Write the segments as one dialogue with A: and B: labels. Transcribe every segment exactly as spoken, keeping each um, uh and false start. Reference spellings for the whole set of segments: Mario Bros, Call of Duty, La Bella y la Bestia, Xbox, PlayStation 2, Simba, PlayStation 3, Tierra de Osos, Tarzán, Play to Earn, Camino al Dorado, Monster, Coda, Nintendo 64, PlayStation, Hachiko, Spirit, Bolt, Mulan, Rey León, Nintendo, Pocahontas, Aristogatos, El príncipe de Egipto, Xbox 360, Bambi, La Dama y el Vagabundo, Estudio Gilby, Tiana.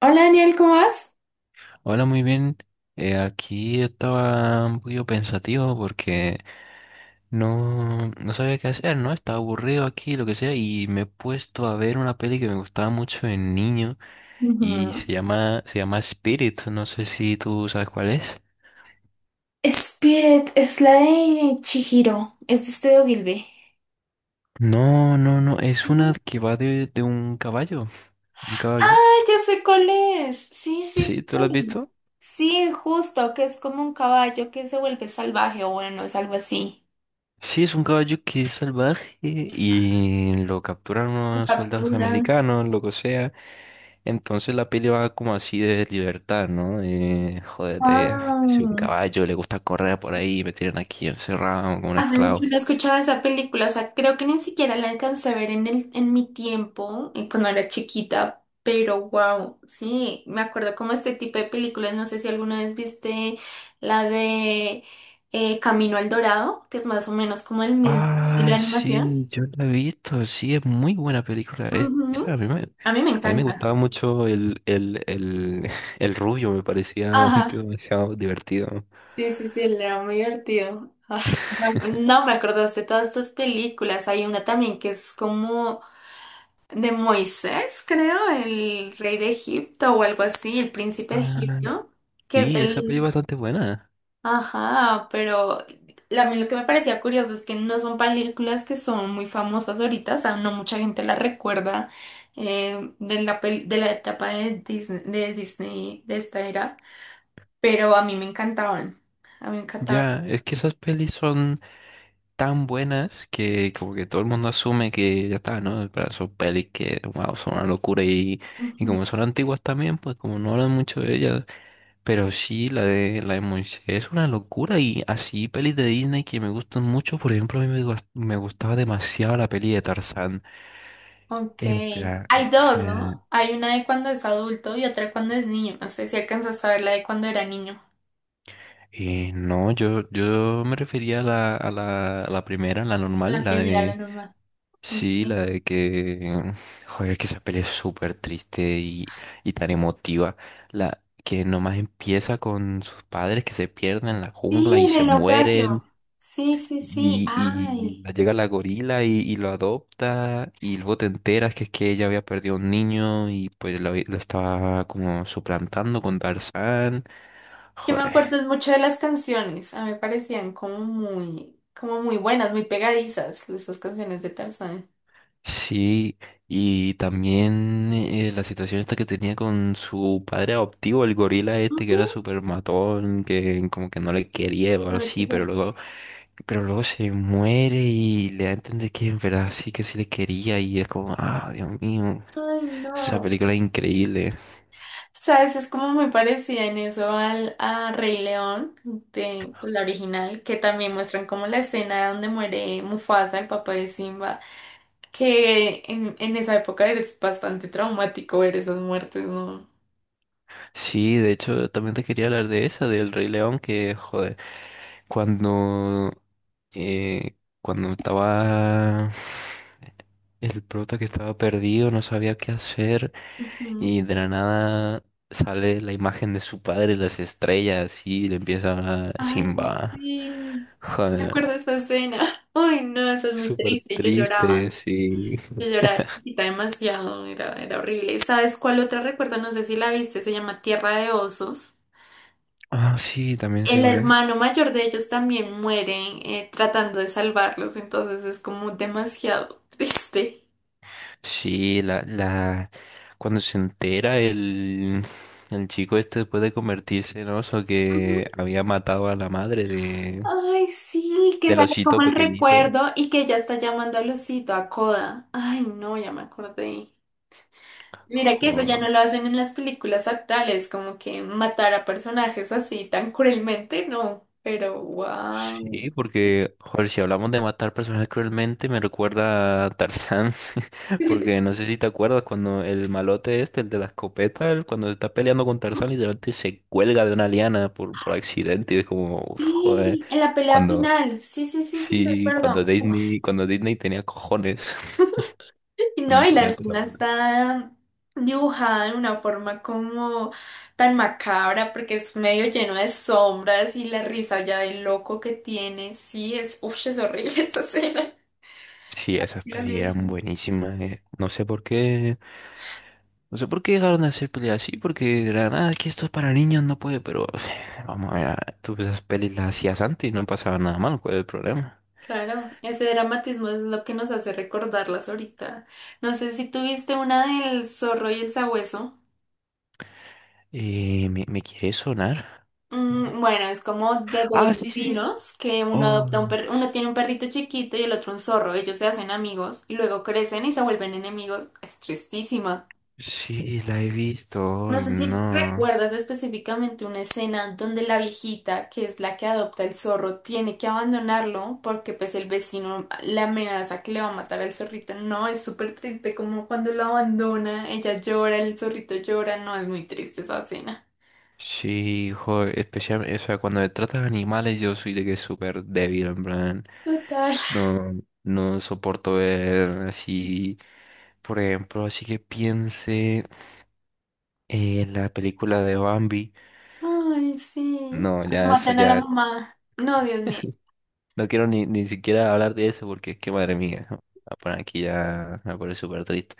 A: Hola Daniel, ¿cómo vas?
B: Hola, muy bien. Eh, aquí estaba un poquito pensativo porque no, no sabía qué hacer, ¿no? Estaba aburrido aquí, lo que sea, y me he puesto a ver una peli que me gustaba mucho de niño y
A: Ujú.
B: se llama, se llama Spirit. No sé si tú sabes cuál es.
A: Spirit es la de Chihiro, es de Estudio Gilby.
B: No, no, no, es una
A: No.
B: que va de, de un caballo. Un
A: Ah,
B: caballo.
A: ya sé cuál es. Sí, sí,
B: Sí, ¿tú lo has
A: sí.
B: visto?
A: Sí, justo, que es como un caballo que se vuelve salvaje o bueno, es algo así.
B: Sí, es un caballo que es salvaje y lo capturan
A: Lo
B: unos soldados
A: capturan.
B: americanos, lo que sea. Entonces la peli va como así de libertad, ¿no? De, joder, de, si un
A: Ah.
B: caballo le gusta correr por ahí, me tienen aquí encerrado como un
A: Hace mucho
B: esclavo.
A: no escuchaba esa película, o sea, creo que ni siquiera la alcancé a ver en el, en mi tiempo, eh, cuando era chiquita, pero wow, sí, me acuerdo como este tipo de películas, no sé si alguna vez viste la de eh, Camino al Dorado, que es más o menos como el mismo estilo de
B: Ah,
A: animación.
B: sí, yo la he visto, sí, es muy buena película esa. A
A: Ujú.
B: mí me,
A: A mí me
B: a mí me
A: encanta.
B: gustaba mucho el, el, el, el rubio, me parecía un tío
A: Ajá.
B: demasiado divertido.
A: Sí, sí, sí, era muy divertido. Ah, no, no me acordaste de todas estas películas, hay una también que es como de Moisés, creo, el rey de Egipto o algo así, el príncipe de
B: Ah,
A: Egipto, que es sí.
B: sí, esa peli es
A: Del...
B: bastante buena.
A: Ajá, pero la- a mí lo que me parecía curioso es que no son películas que son muy famosas ahorita, o sea, no mucha gente las recuerda, eh, de la, pel- de la etapa de Disney, de Disney, de esta era, pero a mí me encantaban, a mí me encantaban.
B: Ya, es que esas pelis son tan buenas que como que todo el mundo asume que ya está, ¿no? Pero son pelis que, wow, son una locura y, y
A: Ujú.
B: como son antiguas también, pues como no hablan mucho de ellas, pero sí, la de, la de Monster es una locura y así pelis de Disney que me gustan mucho, por ejemplo, a mí me, gus- me gustaba demasiado la peli de Tarzán,
A: Ok.
B: en plan, o
A: Hay dos,
B: sea,
A: ¿no? Hay una de cuando es adulto y otra cuando es niño. No sé si alcanzas a ver la de cuando era niño.
B: eh, no, yo, yo me refería a la, a la, a la primera, la
A: La
B: normal, la
A: primera, la
B: de...
A: normal.
B: Sí, la
A: Ok.
B: de que, joder, que esa peli es súper triste y, y tan emotiva. La que nomás empieza con sus padres que se pierden en la
A: Sí,
B: jungla y
A: en
B: se
A: el naufragio.
B: mueren.
A: Sí, sí, sí.
B: Y, y
A: Ay,
B: la- llega la gorila y, y lo adopta. Y luego te enteras que es que ella había perdido un niño y pues lo, había- lo estaba como suplantando con Tarzán.
A: yo me
B: Joder.
A: acuerdo mucho de las canciones. A mí me parecían como muy, como muy buenas, muy pegadizas esas canciones de Tarzán.
B: Sí, y también eh, la situación esta que tenía con su padre adoptivo, el gorila este que
A: Ujú.
B: era súper matón, que como que no le quería o algo
A: Ahora que
B: así, pero
A: vea.
B: luego, pero luego se muere y le da a entender que en verdad sí que sí le quería y es como, ah, Dios mío,
A: Ay,
B: esa
A: no.
B: película es increíble.
A: Sabes, es como muy parecida en eso al a Rey León, de pues, la original, que también muestran como la escena donde muere Mufasa, el papá de Simba, que en, en esa época eres bastante traumático ver esas muertes, ¿no?
B: Sí, de hecho, también te quería hablar de esa, del Rey León, que, joder, cuando, eh, cuando estaba el prota que estaba perdido, no sabía qué hacer,
A: Ujú.
B: y de la nada sale la imagen de su padre, las estrellas, y le empieza a hablar
A: Ay,
B: Simba.
A: sí. Me acuerdo
B: Joder,
A: de esa escena. Ay, no, eso es muy
B: súper
A: triste. Yo lloraba.
B: triste, sí.
A: Yo lloraba chiquita demasiado. Era, era horrible. ¿Sabes cuál otra recuerdo? No sé si la viste. Se llama Tierra de Osos.
B: Ah, sí, también sé
A: El
B: cuál es.
A: hermano mayor de ellos también muere, eh, tratando de salvarlos. Entonces es como demasiado triste.
B: Sí, la, la, cuando se entera el, el chico este después de convertirse en oso
A: Ujú.
B: que había matado a la madre de,
A: Ay, sí, que
B: del
A: sale como
B: osito
A: el
B: pequeñito.
A: recuerdo y que ya está llamando a Lucito, a Coda. Ay, no, ya me acordé. Mira que eso ya no
B: Joder.
A: lo hacen en las películas actuales, como que matar a personajes así tan cruelmente, no, pero wow.
B: Sí, porque, joder, si hablamos de matar personas cruelmente, me recuerda a Tarzán, porque no sé si te acuerdas cuando el malote este, el de la escopeta, él cuando se está peleando con Tarzán, literalmente se cuelga de una liana por, por accidente y es como, uf, joder.
A: Y en la pelea
B: Cuando,
A: final, sí, sí, sí, sí,
B: sí, cuando
A: recuerdo.
B: Disney, cuando Disney tenía cojones,
A: Y no,
B: cuando
A: y la
B: subía cosas
A: escena
B: buenas.
A: está dibujada de una forma como tan macabra, porque es medio lleno de sombras y la risa ya del loco que tiene, sí, es, uf, es horrible esa escena.
B: Sí, esas
A: Lo
B: pelis eran
A: mismo.
B: buenísimas. eh. No sé por qué, no sé por qué dejaron de hacer pelis así, porque de la nada es que esto es para niños, no puede, pero vamos a ver, ah, tú esas pelis las hacías antes y no pasaba nada mal, ¿cuál es el problema?
A: Claro, ese dramatismo es lo que nos hace recordarlas ahorita. No sé si tuviste una del zorro y el sabueso.
B: Eh, ¿me, me quiere sonar?
A: Mm, bueno, es como de dos
B: Ah, sí, sí, sí.
A: vecinos que uno
B: Oh,
A: adopta un perro, uno tiene un perrito chiquito y el otro un zorro. Ellos se hacen amigos y luego crecen y se vuelven enemigos. Es tristísima.
B: sí, la he visto.
A: No
B: Ay,
A: sé si
B: no.
A: recuerdas específicamente una escena donde la viejita, que es la que adopta el zorro, tiene que abandonarlo porque pues el vecino la amenaza que le va a matar al zorrito. No, es súper triste como cuando lo abandona, ella llora, el zorrito llora, no, es muy triste esa escena.
B: Sí, joder, especialmente, o sea, cuando me trata de animales yo soy de que súper débil, en plan,
A: Total.
B: no, no soporto ver así, por ejemplo, así que piense en la película de Bambi,
A: Ay, sí.
B: no, ya eso
A: Matan a la
B: ya,
A: mamá. No, Dios mío.
B: no quiero ni, ni siquiera hablar de eso porque es que madre mía, ah, por aquí ya me pone súper triste.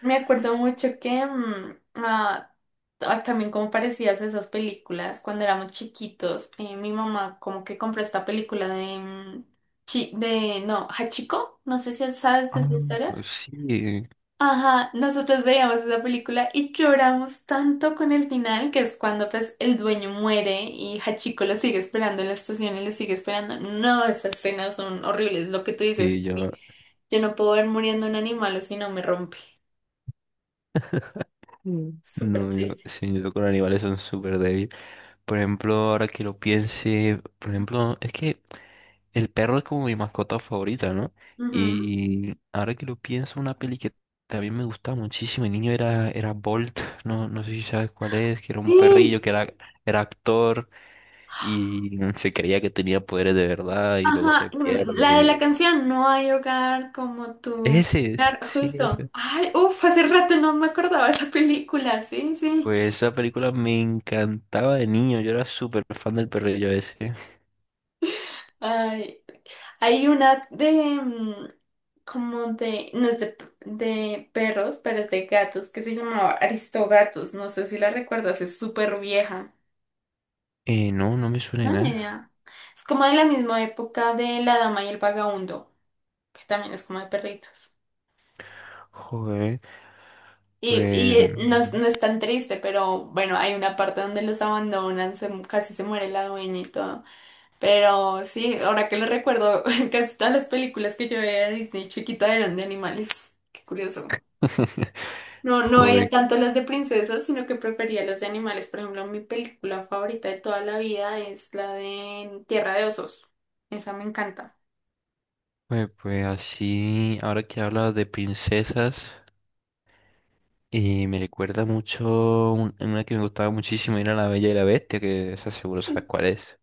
A: Me acuerdo mucho que mm, ah, ah, también como parecías esas películas cuando éramos chiquitos, eh, mi mamá como que compró esta película de, mm, chi- de no, Hachiko, no sé si sabes de
B: Ah,
A: esa historia.
B: sí,
A: Ajá, nosotros veíamos esa película y lloramos tanto con el final, que es cuando pues el dueño muere y Hachiko lo sigue esperando en la estación y lo sigue esperando. No, esas escenas son horribles, lo que tú dices.
B: y yo.
A: Yo no puedo ver muriendo un animal o si no me rompe.
B: Mm.
A: Súper
B: No, yo,
A: triste.
B: sí, yo con animales son súper débil. Por ejemplo, ahora que lo piense, por ejemplo, es que el perro es como mi mascota favorita, ¿no?
A: Ujú.
B: Y ahora que lo pienso, una peli que también me gustaba muchísimo, el niño era, era Bolt, no, no sé si sabes cuál es, que era un perrillo,
A: Sí,
B: que era, era actor y se creía que tenía poderes de verdad y luego
A: ajá,
B: se
A: mm, la de
B: pierde.
A: la canción No hay hogar como tu
B: Ese, es,
A: hogar,
B: sí,
A: justo.
B: ese.
A: Ay, uff, hace rato no me acordaba de esa película, sí, sí.
B: Pues esa película me encantaba de niño, yo era súper fan del perrillo ese.
A: Ay, hay una de, mm, como de, no es de, p- de perros, pero es de gatos, que se llamaba Aristogatos, no sé si la recuerdas, es súper vieja.
B: Eh, no, no me suena de
A: No, ni
B: nada.
A: idea. Es como de la misma época de La Dama y el Vagabundo, que también es como de perritos.
B: Joder,
A: Y, y
B: pues...
A: eh, no, es no es tan triste, pero bueno, hay una parte donde los abandonan, se casi se muere la dueña y todo. Pero sí, ahora que lo recuerdo, casi todas las películas que yo veía de Disney chiquita eran de animales. Qué curioso. No, no veía
B: Joder,
A: tanto las de princesas, sino que prefería las de animales. Por ejemplo, mi película favorita de toda la vida es la de Tierra de Osos. Esa me encanta.
B: pues, pues así, ahora que hablas de princesas, eh, me recuerda mucho un- una que me gustaba muchísimo, era La Bella y la Bestia, que esa seguro sabes cuál es.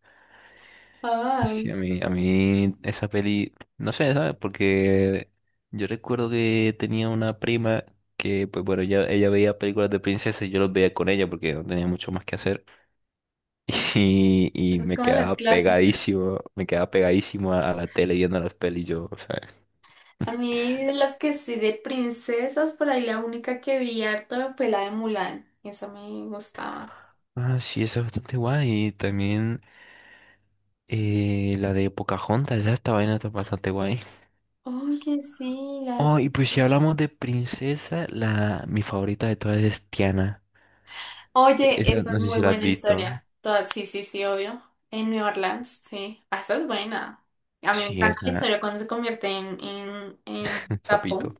B: Sí,
A: Ay,
B: a mí, a mí esa peli, no sé, ¿sabes? Porque yo recuerdo que tenía una prima que, pues bueno, ella, ella veía películas de princesas y yo los veía con ella porque no tenía mucho más que hacer. Y, y
A: esas
B: me
A: como las
B: quedaba
A: clásicas.
B: pegadísimo, me quedaba pegadísimo a, a la tele viendo las pelis yo, o sea.
A: A mí, de las que sí de princesas, por ahí la única que vi harto fue la de Mulan. Esa me gustaba.
B: Ah, sí, esa es bastante guay. También eh, la de Pocahontas, ya esta vaina está bastante guay.
A: Oye, sí, la de-
B: Oh, y pues si hablamos de princesa, la mi favorita de todas es Tiana. E-
A: Oye,
B: Esa
A: esa
B: no
A: es
B: sé si
A: muy
B: la has
A: buena
B: visto.
A: historia. Toda- Sí, sí, sí, obvio. En New Orleans, sí. Ah, esa es buena. A mí me
B: Sí,
A: encanta la
B: esa,
A: historia cuando se convierte en, en, en trapo.
B: papito.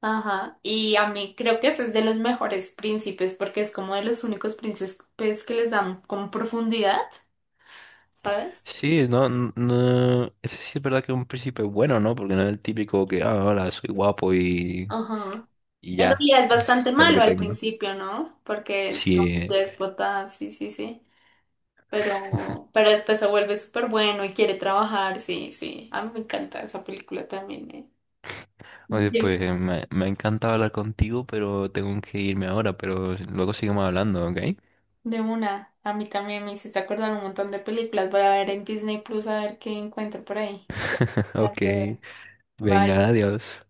A: Ajá. Y a mí creo que ese es de los mejores príncipes porque es como de los únicos príncipes que les dan como profundidad, ¿sabes?
B: Sí, no, n- no, eso sí es verdad que es un príncipe bueno, ¿no? Porque no es el típico que, ah, hola, soy guapo y,
A: Ajá.
B: y
A: En
B: ya,
A: realidad es bastante
B: es todo lo que
A: malo al
B: tengo.
A: principio, ¿no? Porque es como
B: Sí.
A: déspota, sí, sí, sí. Pero, pero después se vuelve súper bueno y quiere trabajar, sí, sí. A mí me encanta esa película también, ¿eh?
B: Oye,
A: De,
B: pues me, me ha encantado hablar contigo, pero tengo que irme ahora, pero luego seguimos hablando, ¿ok?
A: de una, a mí también me hiciste acordar un montón de películas. Voy a ver en Disney Plus a ver qué encuentro por ahí. Ya
B: Ok,
A: te
B: venga,
A: Bye.
B: adiós.